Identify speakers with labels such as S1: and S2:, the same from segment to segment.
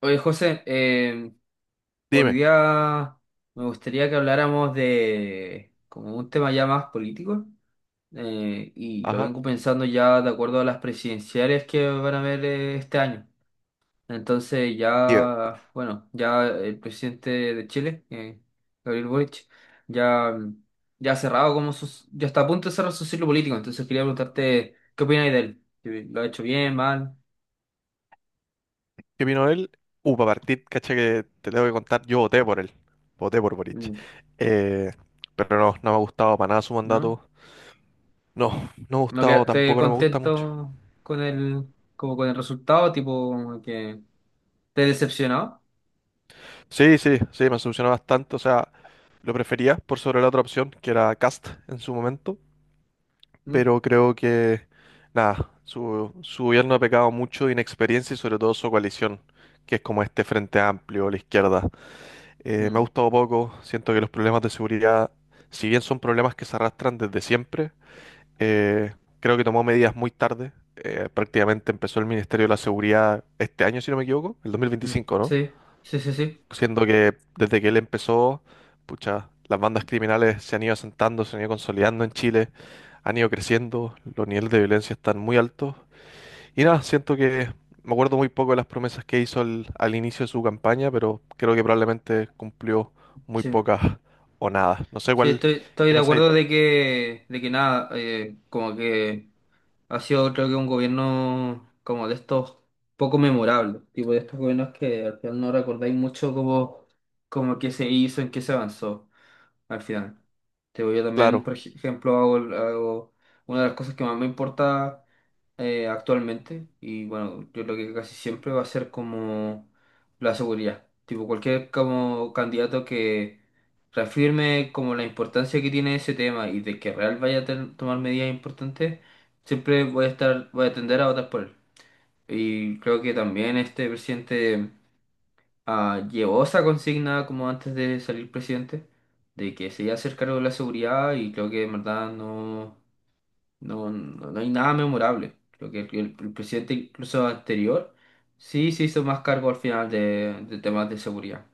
S1: Oye, José, hoy
S2: Dime,
S1: día me gustaría que habláramos de como un tema ya más político, y lo
S2: ajá,
S1: vengo pensando ya de acuerdo a las presidenciales que van a haber, este año. Entonces
S2: Tío,
S1: ya, bueno, ya el presidente de Chile, Gabriel Boric, ya, ya ha cerrado como sus, ya está a punto de cerrar su ciclo político. Entonces quería preguntarte, ¿qué opinas de él? ¿Lo ha hecho bien, mal?
S2: ¿qué vino él? Para partir, caché que te tengo que contar, yo voté por él, voté por Boric.
S1: Mm.
S2: Eh, pero no, no me ha gustado para nada su
S1: ¿No?
S2: mandato. No, no me ha
S1: No, que
S2: gustado,
S1: te
S2: tampoco no me gusta mucho.
S1: contento con el, como con el resultado, tipo que te decepcionó.
S2: Sí, sí, sí, me solucionó bastante, o sea, lo prefería por sobre la otra opción, que era Cast en su momento, pero creo que, nada, su gobierno ha pecado mucho de inexperiencia y sobre todo su coalición, que es como este Frente Amplio, la izquierda. Me ha
S1: ¿Mm?
S2: gustado poco, siento que los problemas de seguridad, si bien son problemas que se arrastran desde siempre, eh, creo que tomó medidas muy tarde. Prácticamente empezó el Ministerio de la Seguridad este año, si no me equivoco, el
S1: Mm, mm.
S2: 2025, ¿no?
S1: Sí, sí, sí, sí.
S2: Siendo que desde que él empezó, pucha, las bandas criminales se han ido asentando, se han ido consolidando en Chile, han ido creciendo, los niveles de violencia están muy altos y nada, siento que me acuerdo muy poco de las promesas que hizo al inicio de su campaña, pero creo que probablemente cumplió muy
S1: Sí,
S2: pocas o nada. No sé
S1: sí,
S2: cuál,
S1: estoy, estoy
S2: qué
S1: de
S2: pensáis.
S1: acuerdo de que nada, como que ha sido creo que un gobierno como de estos poco memorable, tipo de estos gobiernos que al final no recordáis mucho como, como qué se hizo, en qué se avanzó. Al final, te digo, yo también,
S2: Claro,
S1: por ejemplo, hago, hago una de las cosas que más me importa, actualmente, y bueno, yo lo que casi siempre va a ser como la seguridad. Tipo, cualquier como candidato que reafirme como la importancia que tiene ese tema y de que real vaya a tomar medidas importantes, siempre voy a estar, voy a tender a votar por él. Y creo que también este presidente, llevó esa consigna como antes de salir presidente, de que se iba a hacer cargo de la seguridad y creo que en verdad no, no hay nada memorable. Creo que el presidente incluso anterior sí se hizo más cargo al final de temas de seguridad.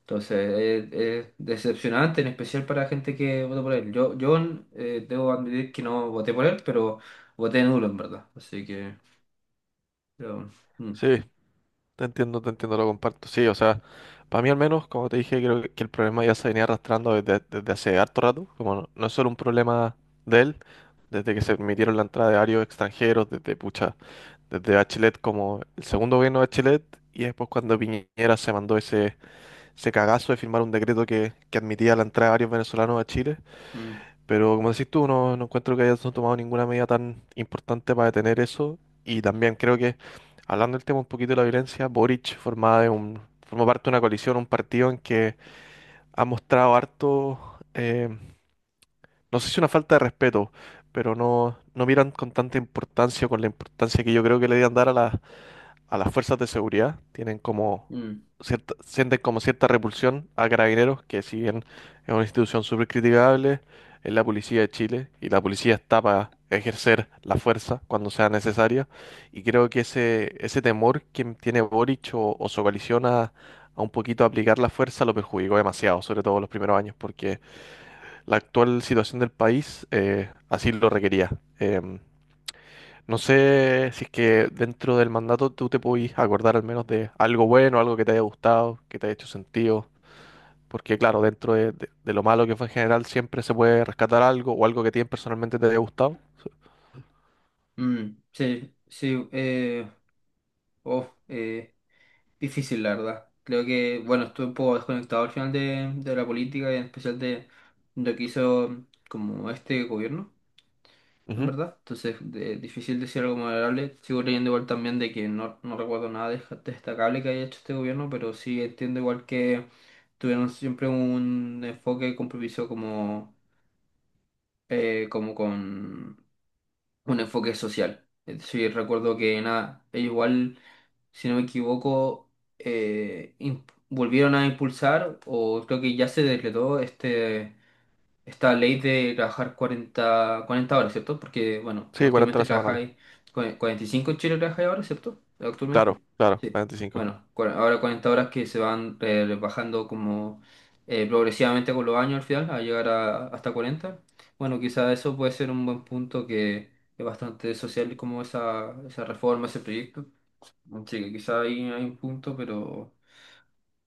S1: Entonces es decepcionante, en especial para gente que votó por él. Yo, debo admitir que no voté por él, pero voté nulo en verdad. Así que... pero, mm,
S2: sí, te entiendo, lo comparto. Sí, o sea, para mí al menos, como te dije, creo que el problema ya se venía arrastrando desde hace harto rato. Como no, no es solo un problema de él, desde que se permitieron la entrada de varios extranjeros, desde pucha, desde Bachelet como el segundo gobierno de Bachelet, y después cuando Piñera se mandó ese cagazo de firmar un decreto que admitía la entrada de varios venezolanos a Chile,
S1: mm,
S2: pero como decís tú, no, no encuentro que hayan tomado ninguna medida tan importante para detener eso. Y también creo que, hablando del tema un poquito de la violencia, Boric forma parte de una coalición, un partido en que ha mostrado harto, no sé si una falta de respeto, pero no, no miran con tanta importancia, con la importancia que yo creo que le debían dar a las fuerzas de seguridad, tienen como
S1: mm,
S2: sienten como cierta repulsión a Carabineros, que si bien es una institución súper criticable, es la policía de Chile y la policía está para ejercer la fuerza cuando sea necesaria. Y creo que ese temor que tiene Boric o su coalición a un poquito aplicar la fuerza lo perjudicó demasiado, sobre todo los primeros años, porque la actual situación del país así lo requería. Em, no sé si es que dentro del mandato tú te podís acordar al menos de algo bueno, algo que te haya gustado, que te haya hecho sentido, porque claro, dentro de lo malo que fue en general siempre se puede rescatar algo o algo que a ti personalmente te haya gustado.
S1: mm. sí, sí. Uf, eh, difícil, la verdad. Creo que, bueno, estuve un poco desconectado al final de la política y en especial de lo que hizo como este gobierno, en
S2: Ujú.
S1: verdad. Entonces, difícil decir algo moderable. Sigo leyendo igual también de que no, no recuerdo nada destacable que haya hecho este gobierno, pero sí entiendo igual que tuvieron siempre un enfoque y compromiso como, como con un enfoque social. Es decir, recuerdo que nada, ellos igual, si no me equivoco, eh, im- volvieron a impulsar, o creo que ya se decretó este, esta ley de trabajar 40, 40 horas, ¿cierto? Porque, bueno,
S2: Sí, 40
S1: actualmente
S2: horas semanales.
S1: trabajáis 45 en Chile, trabajáis ahora, ¿cierto? Actualmente.
S2: Claro, claro, 45.
S1: Bueno, ahora 40 horas que se van, rebajando como, progresivamente con los años al final, a llegar a, hasta 40. Bueno, quizá eso puede ser un buen punto que es bastante social como esa reforma, ese proyecto. Sí, que quizá ahí hay un punto, pero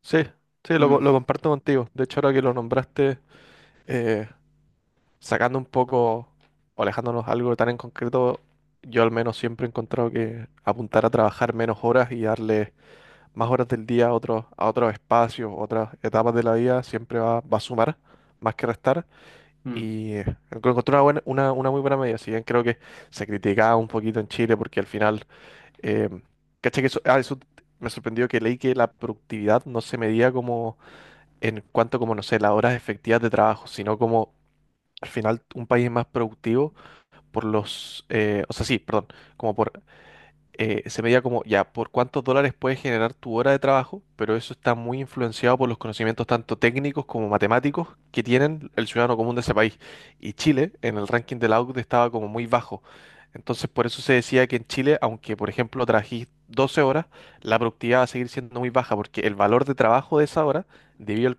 S2: Sí, sí,
S1: mm,
S2: lo comparto contigo. De hecho, ahora que lo nombraste, eh, sacando un poco, o alejándonos algo tan en concreto, yo al menos siempre he encontrado que apuntar a trabajar menos horas y darle más horas del día a otros espacios, otras etapas de la vida, siempre va, va a sumar más que restar.
S1: mm,
S2: Y encontré una buena, una muy buena medida. Si bien creo que se criticaba un poquito en Chile porque al final, eh, caché que eso me sorprendió que leí que la productividad no se medía como en cuanto como, no sé, las horas efectivas de trabajo, sino como al final un país es más productivo por los, o sea, sí, perdón, como por se medía como, ya, por cuántos dólares puedes generar tu hora de trabajo, pero eso está muy influenciado por los conocimientos tanto técnicos como matemáticos que tienen el ciudadano común de ese país. Y Chile, en el ranking de la OCDE, estaba como muy bajo. Entonces, por eso se decía que en Chile, aunque, por ejemplo, trabajís 12 horas, la productividad va a seguir siendo muy baja, porque el valor de trabajo de esa hora, debido al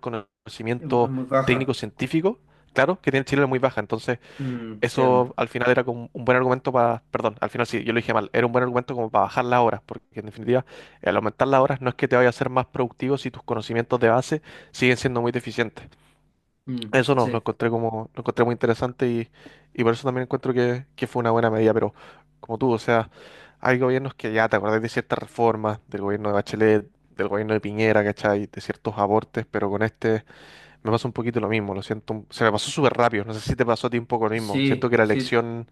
S1: es
S2: conocimiento
S1: muy baja.
S2: técnico-científico, claro, que tiene Chile es muy baja. Entonces,
S1: Mm,
S2: eso
S1: entiendo.
S2: al final era como un buen argumento para, perdón, al final sí, yo lo dije mal, era un buen argumento como para bajar las horas, porque en definitiva, al aumentar las horas no es que te vaya a ser más productivo si tus conocimientos de base siguen siendo muy deficientes.
S1: Mm,
S2: Eso no, lo
S1: sí,
S2: encontré como, lo encontré muy interesante y por eso también encuentro que fue una buena medida, pero como tú, o sea, hay gobiernos que ya te acordás de ciertas reformas, del gobierno de Bachelet, del gobierno de Piñera, ¿cachai? De ciertos abortes, pero con este me pasa un poquito lo mismo, lo siento, se me pasó súper rápido, no sé si te pasó a ti un poco lo mismo, siento
S1: sí,
S2: que la
S1: sí,
S2: elección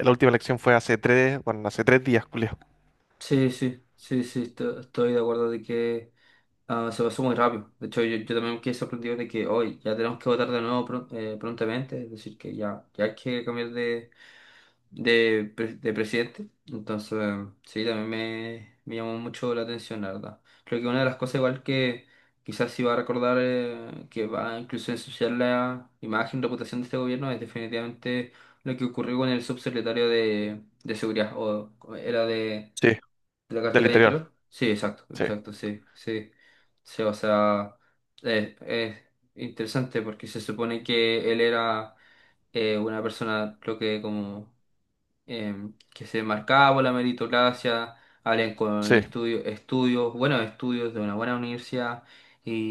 S2: la última elección fue hace tres, bueno, hace 3 días, Julio.
S1: sí, sí, sí, sí, estoy de acuerdo de que... Ah, se pasó muy rápido. De hecho, yo también me quedé sorprendido de que hoy ya tenemos que votar de nuevo prontamente, es decir, que ya, ya hay que cambiar de, de presidente. Entonces, sí, también me llamó mucho la atención, la verdad. Creo que una de las cosas igual que quizás sí va a recordar, que va incluso a ensuciar la imagen, reputación de este gobierno, es definitivamente lo que ocurrió con el subsecretario de Seguridad, o era...
S2: Sí,
S1: ¿La
S2: del
S1: cartera de
S2: interior.
S1: interior? Sí, exacto,
S2: Sí,
S1: exacto, sí, sí. Sí, o sea, es interesante porque se supone que él era, una persona, creo que como, que se marcaba por la meritocracia, alguien
S2: sí,
S1: con estudios, buenos estudios de una buena universidad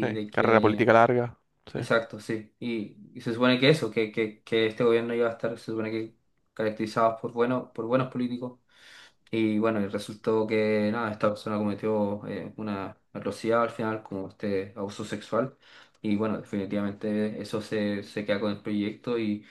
S2: sí.
S1: de
S2: Carrera
S1: que,
S2: política larga. Sí.
S1: exacto, sí, y se supone que eso, que este gobierno iba a estar, se supone que caracterizados por, bueno, por buenos políticos y bueno, y resultó que nada, esta persona cometió, una atrocidad al final, como este abuso sexual. Y bueno, definitivamente eso se, se queda con el proyecto y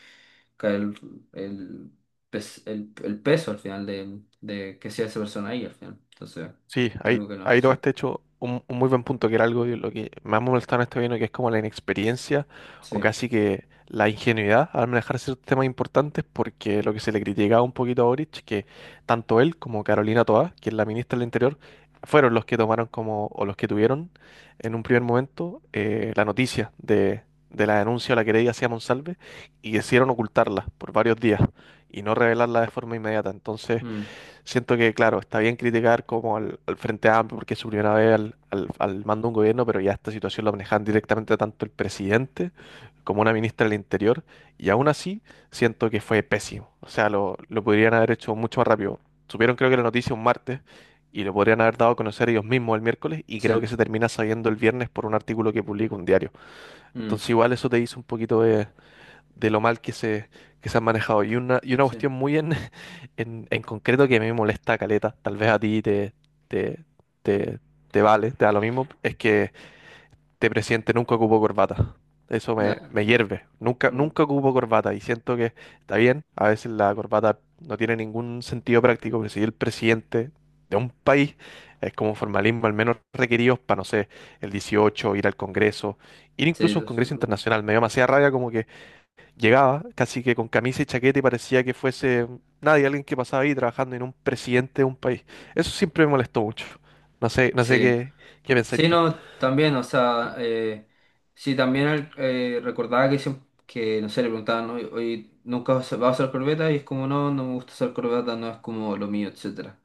S1: cae el, el peso al final de que sea esa persona ahí al final. Entonces,
S2: Sí, ahí,
S1: algo que no es
S2: ahí todo
S1: cierto.
S2: este hecho un, muy buen punto, que era algo de lo que más me molestaba en este gobierno, que es como la inexperiencia o
S1: Sí,
S2: casi que la ingenuidad al manejar ciertos temas importantes, porque lo que se le criticaba un poquito a Boric, que tanto él como Carolina Toá, que es la ministra del Interior, fueron los que tomaron como, o los que tuvieron en un primer momento la noticia de la denuncia o la querella hacia Monsalve y decidieron ocultarla por varios días y no revelarla de forma inmediata. Entonces,
S1: mm,
S2: siento que, claro, está bien criticar como al Frente Amplio porque es su primera vez al mando de un gobierno, pero ya esta situación la manejan directamente tanto el presidente como una ministra del Interior, y aún así siento que fue pésimo. O sea, lo podrían haber hecho mucho más rápido. Supieron creo que la noticia un martes y lo podrían haber dado a conocer ellos mismos el miércoles y
S1: sí,
S2: creo que se termina sabiendo el viernes por un artículo que publica un diario.
S1: mm,
S2: Entonces igual eso te dice un poquito de lo mal que se han manejado. Y una
S1: sí.
S2: cuestión muy en, en concreto que a mí me molesta, Caleta, tal vez a ti te, te, te vale, te da lo mismo, es que este presidente nunca ocupó corbata. Eso me,
S1: Nah,
S2: me hierve. Nunca,
S1: mm,
S2: nunca ocupo corbata y siento que está bien. A veces la corbata no tiene ningún sentido práctico, pero si el presidente de un país es como formalismo, al menos requeridos para, no sé, el 18, ir al Congreso, ir
S1: sí,
S2: incluso a un Congreso internacional. Me dio demasiada rabia como que llegaba casi que con camisa y chaqueta y parecía que fuese nadie, alguien que pasaba ahí trabajando en un presidente de un país. Eso siempre me molestó mucho. No sé
S1: sí.
S2: qué pensáis
S1: Sí,
S2: tú.
S1: no, también, o sea, sí, también recordaba que, que, no sé, le preguntaban, ¿no? Oye, ¿nunca vas a usar corbeta? Y es como, no, no me gusta usar corbeta, no es como lo mío, etcétera.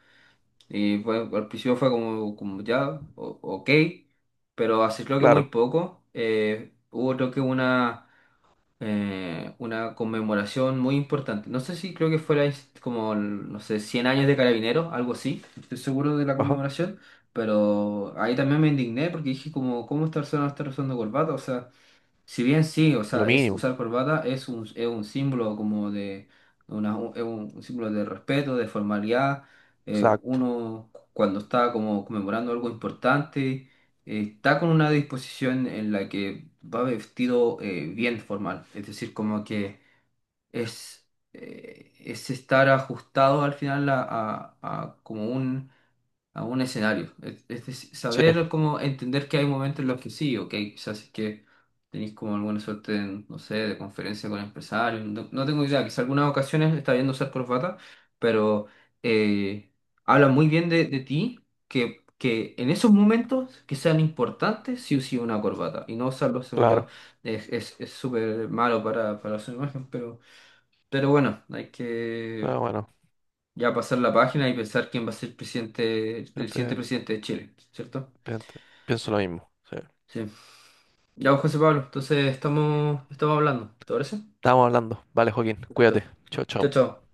S1: Y al principio fue como, como ya, ok, pero hace creo que muy
S2: Claro,
S1: poco, hubo creo que una conmemoración muy importante. No sé si creo que fuera es como, no sé, 100 años de Carabineros, algo así, no estoy seguro de la
S2: ajá,
S1: conmemoración, pero ahí también me indigné porque dije como, ¿cómo esta persona no está usando corbata? O sea... Si bien sí, o
S2: lo
S1: sea, es
S2: mínimo,
S1: usar corbata es un símbolo como de una, un, es un símbolo de respeto, de formalidad.
S2: exacto.
S1: Uno cuando está como conmemorando algo importante, está con una disposición en la que va vestido, bien formal. Es decir, como que es estar ajustado al final a, a como un, a un escenario. Es
S2: Sí,
S1: saber cómo entender que hay momentos en los que sí, ok, quizás si es que tenéis como alguna suerte, en, no sé, de conferencia con empresarios, no, no tengo idea, quizás algunas ocasiones está viendo usar corbata, pero, eh, habla muy bien de ti que en esos momentos que sean importantes, sí o sí una corbata, y no usarlo, según yo,
S2: claro.
S1: es súper malo para su imagen, pero bueno, hay que...
S2: Pero bueno,
S1: ya pasar la página y pensar quién va a ser presidente, el siguiente
S2: gente-
S1: presidente de Chile, ¿cierto?
S2: gente, pienso lo mismo. Sí.
S1: Sí. Ya, pues, José Pablo, entonces estamos, estamos hablando, ¿te parece?
S2: Estamos hablando. Vale, Joaquín, cuídate.
S1: Perfecto.
S2: Chao,
S1: Chao,
S2: chao.
S1: chao.